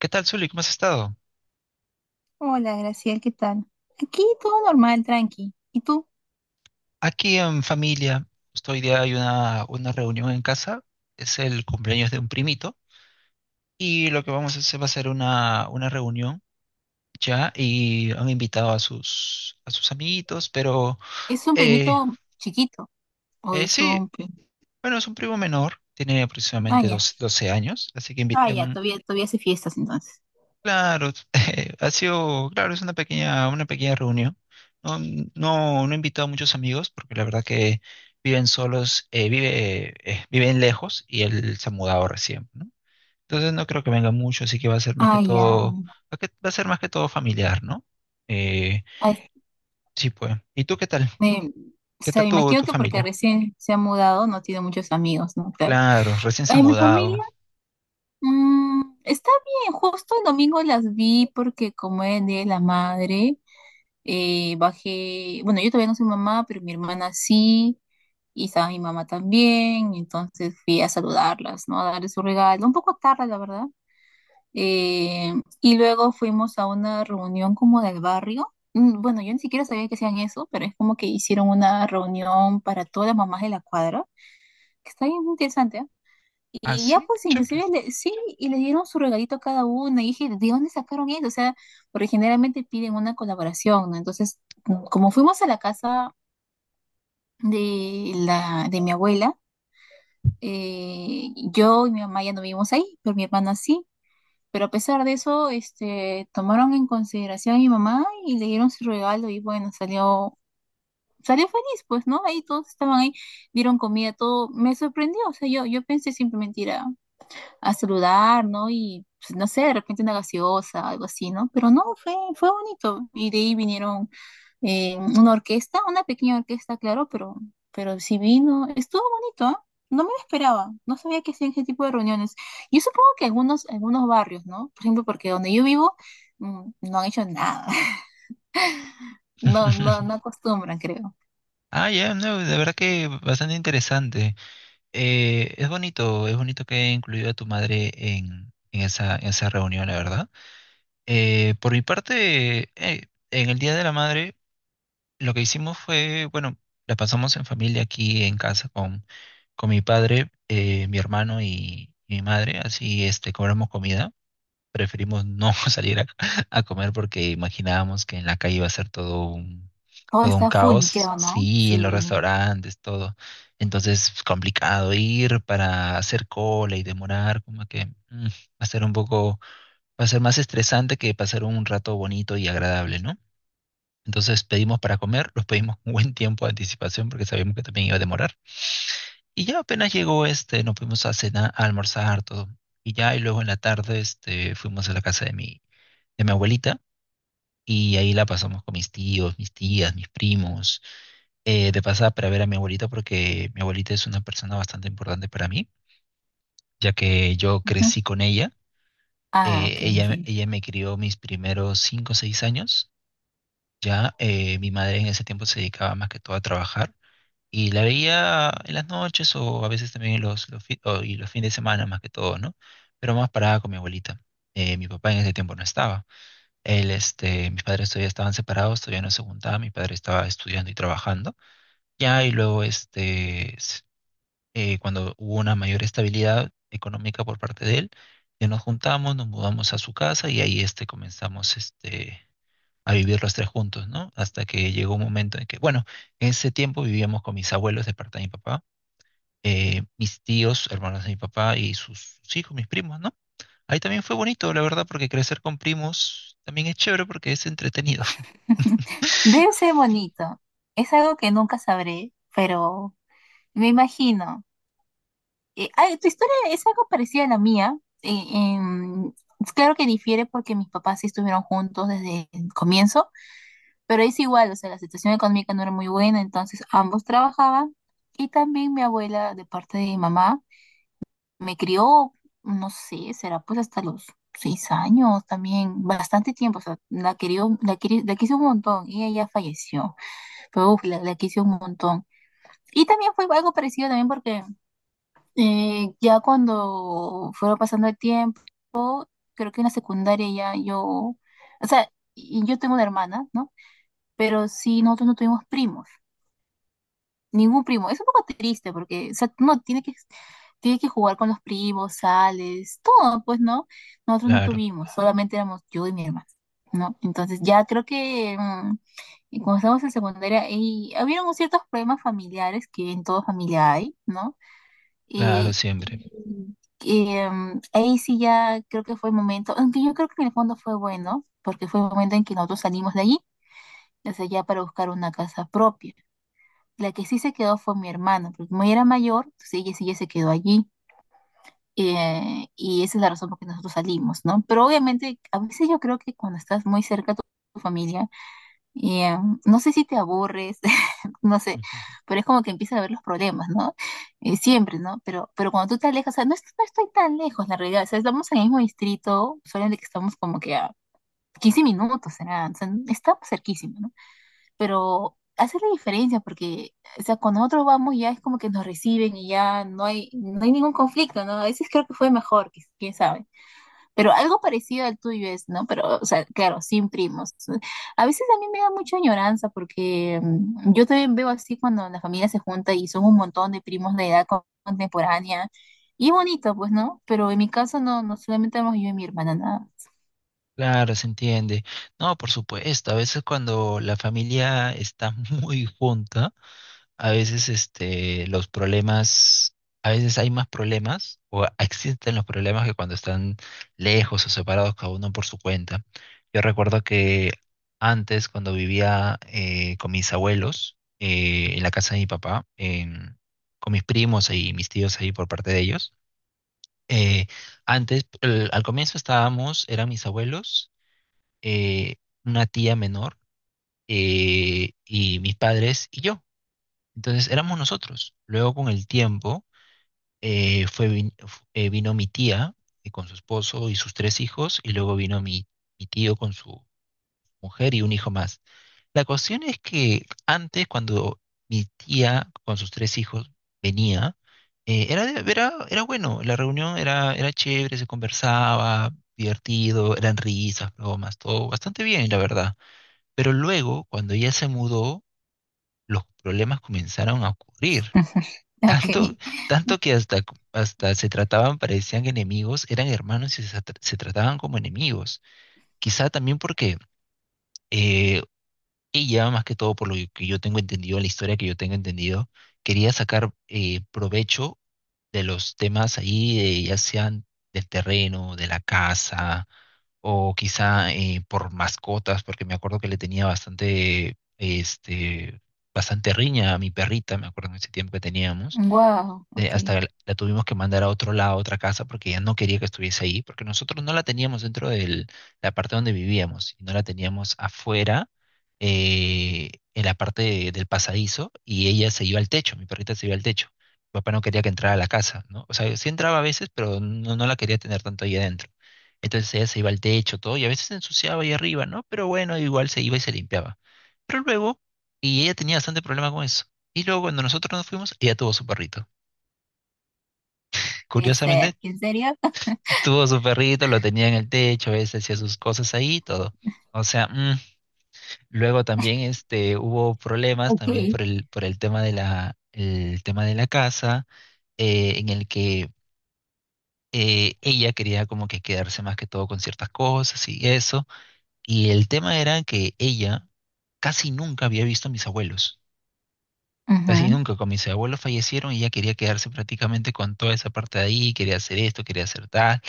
¿Qué tal, Zuli? ¿Cómo has estado? Hola, Graciel, ¿qué tal? Aquí todo normal, tranqui. ¿Y tú? Aquí en familia, justo hoy día hay una reunión en casa, es el cumpleaños de un primito, y lo que vamos a hacer va a ser una reunión ya, y han invitado a sus amiguitos, pero ¿Es un eh, primito chiquito o es sí, un primo? bueno, es un primo menor, tiene Ah, aproximadamente ya. 12, 12 años, así que Ah, ya, todavía hace fiestas entonces. claro, ha sido, claro, es una pequeña reunión. No, no, no he invitado a muchos amigos porque la verdad que viven solos, vive, viven lejos y él se ha mudado recién, ¿no? Entonces no creo que venga mucho, así que va a ser más Ah, que ya. todo, va a ser más que todo familiar, ¿no? Eh, Ay, sí, pues. ¿Y tú qué tal? me, o ¿Qué sea, tal me tu, imagino tu que porque familia? recién se ha mudado no tiene muchos amigos, ¿no? Claro. Claro, recién se ha Ay, mi mudado. familia, está bien. Justo el domingo las vi porque como es el Día de la Madre, bajé, bueno, yo todavía no soy mamá, pero mi hermana sí. Y estaba mi mamá también, entonces fui a saludarlas, ¿no? A darle su regalo, un poco tarde, la verdad. Eh, y luego fuimos a una reunión como del barrio. Bueno, yo ni siquiera sabía que hacían eso, pero es como que hicieron una reunión para todas las mamás de la cuadra, que está bien interesante, ¿ah? Ah, Y ya sí, qué pues chévere. inclusive le- sí, y les dieron su regalito a cada una, y dije, ¿de dónde sacaron eso? O sea, porque generalmente piden una colaboración, ¿no? Entonces, como fuimos a la casa de mi abuela. Yo y mi mamá ya no vivimos ahí, pero mi hermana sí. Pero a pesar de eso, este, tomaron en consideración a mi mamá y le dieron su regalo y bueno, salió feliz, pues, ¿no? Ahí todos estaban ahí, dieron comida, todo. Me sorprendió, o sea, yo pensé simplemente ir a saludar, ¿no? Y pues, no sé, de repente una gaseosa, algo así, ¿no? Pero no, fue bonito. Y de ahí vinieron una orquesta, una pequeña orquesta, claro, pero sí vino, estuvo bonito, ¿ah? No me lo esperaba, no sabía que hacían ese tipo de reuniones. Yo supongo que algunos barrios, ¿no? Por ejemplo, porque donde yo vivo, no han hecho nada. No, no, no acostumbran, creo. Ah, ya, no, de verdad que bastante interesante. Es bonito, es bonito que haya incluido a tu madre en esa reunión, la verdad. Por mi parte, en el Día de la Madre, lo que hicimos fue, bueno, la pasamos en familia aquí en casa con mi padre, mi hermano y mi madre, así este, cobramos comida preferimos no salir a comer porque imaginábamos que en la calle iba a ser Todo todo un está full, caos, creo, ¿no? sí, en los Sí. restaurantes, todo. Entonces, es complicado ir para hacer cola y demorar, como que va a ser un poco, va a ser más estresante que pasar un rato bonito y agradable, ¿no? Entonces pedimos para comer, los pedimos con buen tiempo de anticipación porque sabíamos que también iba a demorar. Y ya apenas llegó este, nos fuimos a cenar, a almorzar, todo. Y ya, y luego en la tarde, este, fuimos a la casa de mi abuelita y ahí la pasamos con mis tíos, mis tías, mis primos. De pasada para ver a mi abuelita porque mi abuelita es una persona bastante importante para mí, ya que yo Ujú. crecí con ella. Ah, OK, ella, entiendo. ella me crió mis primeros cinco o seis años. Ya mi madre en ese tiempo se dedicaba más que todo a trabajar y la veía en las noches o a veces también en los, los fines de semana más que todo, ¿no? Pero más parada con mi abuelita. Mi papá en ese tiempo no estaba. Él, este, mis padres todavía estaban separados, todavía no se juntaban, mi padre estaba estudiando y trabajando. Ya, y luego, este, cuando hubo una mayor estabilidad económica por parte de él, ya nos juntamos, nos mudamos a su casa y ahí, este, comenzamos, este, a vivir los tres juntos, ¿no? Hasta que llegó un momento en que, bueno, en ese tiempo vivíamos con mis abuelos de parte de mi papá, mis tíos, hermanos de mi papá y sus hijos, mis primos, ¿no? Ahí también fue bonito, la verdad, porque crecer con primos también es chévere porque es entretenido. Debe ser bonito. Es algo que nunca sabré, pero me imagino. Ay, tu historia es algo parecida a la mía. Eh, em, es claro que difiere porque mis papás sí estuvieron juntos desde el comienzo, pero es igual, o sea, la situación económica no era muy buena, entonces ambos trabajaban. Y también mi abuela, de parte de mi mamá, me crió, no sé, será pues hasta los 6 años también, bastante tiempo, o sea, la querió, la quise un montón y ella falleció. Uf, la quise un montón. Y también fue algo parecido también porque ya cuando fueron pasando el tiempo, creo que en la secundaria o sea, y yo tengo una hermana, ¿no? Pero sí, nosotros no tuvimos primos, ningún primo. Es un poco triste porque, o sea, uno tiene que jugar con los primos, sales, todo, pues, ¿no? Nosotros no Claro, tuvimos, solamente éramos yo y mi hermana, ¿no? Entonces ya creo que y cuando estábamos en secundaria, y habían ciertos problemas familiares que en toda familia hay, ¿no? claro, Y, siempre. y ahí sí ya creo que fue el momento, aunque yo creo que en el fondo fue bueno, porque fue el momento en que nosotros salimos de allí, desde allá para buscar una casa propia. La que sí se quedó fue mi hermana, porque como ella era mayor, entonces ella sí ya se quedó allí. Y esa es la razón por la que nosotros salimos, ¿no? Pero obviamente, a veces yo creo que cuando estás muy cerca a tu familia, Y eh, no sé si te aburres, no sé, Ujú. pero es como que empiezan a ver los problemas, ¿no? Siempre, ¿no? Pero cuando tú te alejas, o sea, no, no estoy tan lejos, la realidad, o sea, estamos en el mismo distrito, solamente que estamos como que a 15 minutos, será, o sea, estamos cerquísimos, ¿no? Pero hace la diferencia porque, o sea, cuando nosotros vamos ya es como que nos reciben y ya no hay ningún conflicto, ¿no? A veces creo que fue mejor, quién sabe. Pero algo parecido al tuyo es, ¿no? Pero, o sea, claro, sin primos. A veces a mí me da mucha añoranza porque yo también veo así cuando la familia se junta y son un montón de primos de edad contemporánea. Y es bonito, pues, ¿no? Pero en mi caso no, no solamente éramos yo y mi hermana, nada. Claro, se entiende. No, por supuesto, a veces cuando la familia está muy junta, a veces este, los problemas, a veces hay más problemas o existen los problemas que cuando están lejos o separados cada uno por su cuenta. Yo recuerdo que antes, cuando vivía con mis abuelos, en la casa de mi papá, con mis primos y mis tíos ahí por parte de ellos, Eh, antes, al comienzo estábamos, eran mis abuelos, eh, una tía menor y mis padres y yo. Entonces éramos nosotros. Luego con el tiempo fue, vino mi tía con su esposo y sus tres hijos y luego vino mi, mi tío con su mujer y un hijo más. La cuestión es que antes, cuando mi tía con sus tres hijos venía, era, era, era bueno, la reunión era, era chévere, se conversaba, divertido, eran risas, bromas, todo bastante bien, la verdad. Pero luego, cuando ella se mudó, los problemas comenzaron a ocurrir. OK. Tanto, tanto que hasta, hasta se trataban, parecían enemigos, eran hermanos y se trataban como enemigos. Quizá también porque eh, ella, más que todo por lo que yo tengo entendido, la historia que yo tengo entendido, quería sacar provecho de los temas ahí, ya sean del terreno, de la casa, o quizá por mascotas, porque me acuerdo que le tenía bastante, este, bastante riña a mi perrita, me acuerdo en ese tiempo que teníamos Wow, OK. hasta la tuvimos que mandar a otro lado, a otra casa, porque ella no quería que estuviese ahí, porque nosotros no la teníamos dentro de la parte donde vivíamos, y no la teníamos afuera, en la parte del pasadizo, y ella se iba al techo, mi perrita se iba al techo. Mi papá no quería que entrara a la casa, ¿no? O sea, sí entraba a veces, pero no, no la quería tener tanto ahí adentro. Entonces ella se iba al techo, todo, y a veces se ensuciaba ahí arriba, ¿no? Pero bueno, igual se iba y se limpiaba. Pero luego, y ella tenía bastante problema con eso. Y luego cuando nosotros nos fuimos, ella tuvo su perrito. Puede ser. Curiosamente, ¿En serio? tuvo su perrito, lo tenía en el techo, ese hacía sus cosas ahí y todo. O sea, luego también este, hubo problemas también OK. Por el tema de la, el tema de la casa, en el que ella quería como que quedarse más que todo con ciertas cosas y eso. Y el tema era que ella casi nunca había visto a mis abuelos. Casi Ujú. nunca, con mis abuelos fallecieron y ella quería quedarse prácticamente con toda esa parte de ahí, quería hacer esto, quería hacer tal.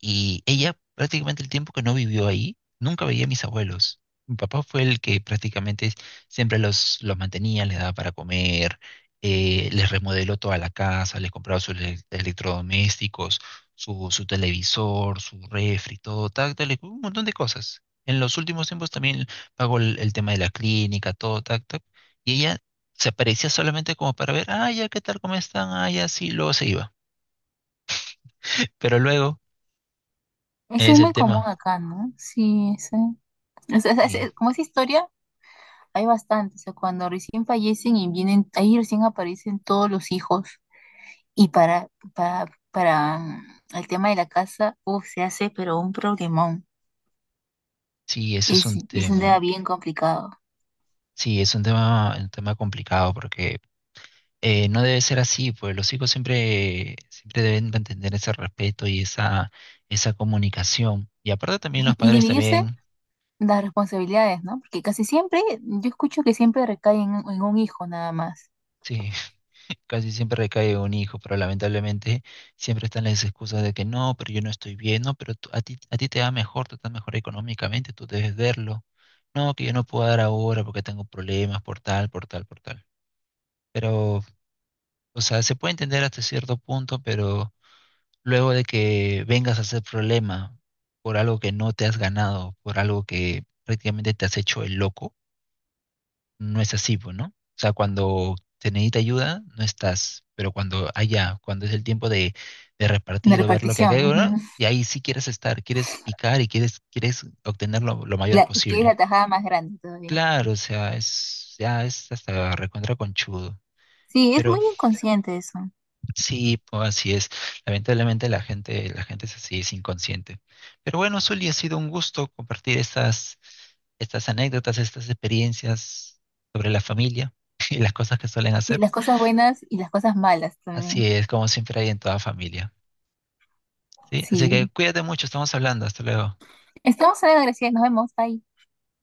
Y ella prácticamente el tiempo que no vivió ahí, nunca veía a mis abuelos. Mi papá fue el que prácticamente siempre los mantenía, les daba para comer, les remodeló toda la casa, les compraba sus electrodomésticos, su televisor, su refri, todo, tal, tal, un montón de cosas. En los últimos tiempos también pagó el tema de la clínica, todo, tac, tac. Y ella se aparecía solamente como para ver, ah, ya, ¿qué tal? ¿Cómo están? Ah, ya, sí, luego se iba. Pero luego Eso es es el muy común tema. acá, ¿no? Sí, sí. O sea, Y como esa historia hay bastante, o sea, cuando recién fallecen y vienen, ahí recién aparecen todos los hijos. Y para el tema de la casa, uf, se hace, pero un problemón. sí, ese es Es, un es un tema tema. bien complicado. Sí, es un tema complicado porque no debe ser así, pues los hijos siempre, siempre deben mantener ese respeto y esa comunicación. Y aparte también los Y padres dividirse también, las responsabilidades, ¿no? Porque casi siempre, yo escucho que siempre recae en un hijo nada más, sí, casi siempre recae un hijo, pero lamentablemente siempre están las excusas de que no, pero yo no estoy bien, no, pero tú- a ti te va mejor, tú estás mejor económicamente, tú debes verlo. No, que yo no puedo dar ahora porque tengo problemas por tal, por tal, por tal. Pero, o sea, se puede entender hasta cierto punto, pero luego de que vengas a hacer problema por algo que no te has ganado, por algo que prácticamente te has hecho el loco, no es así, pues, ¿no? O sea, cuando te necesita ayuda, no estás, pero cuando allá, cuando es el tiempo de la repartir o ver lo que hay, repartición, ¿verdad? ujú. Y ahí sí quieres estar, quieres picar y quieres, quieres obtener lo Y mayor la- y que es posible. la tajada más grande todavía. Claro, o sea, es, ya es hasta recontra conchudo, Sí, es pero muy inconsciente eso. sí, pues así es. Lamentablemente la gente es así, es inconsciente. Pero bueno, Zuli, ha sido un gusto compartir estas, estas anécdotas, estas experiencias sobre la familia y las cosas que suelen Sí, hacer. las cosas buenas y las cosas malas Así también. es, como siempre hay en toda familia. ¿Sí? Así que Sí. cuídate mucho, estamos hablando. Hasta luego. Estamos en la gracia, nos vemos, bye.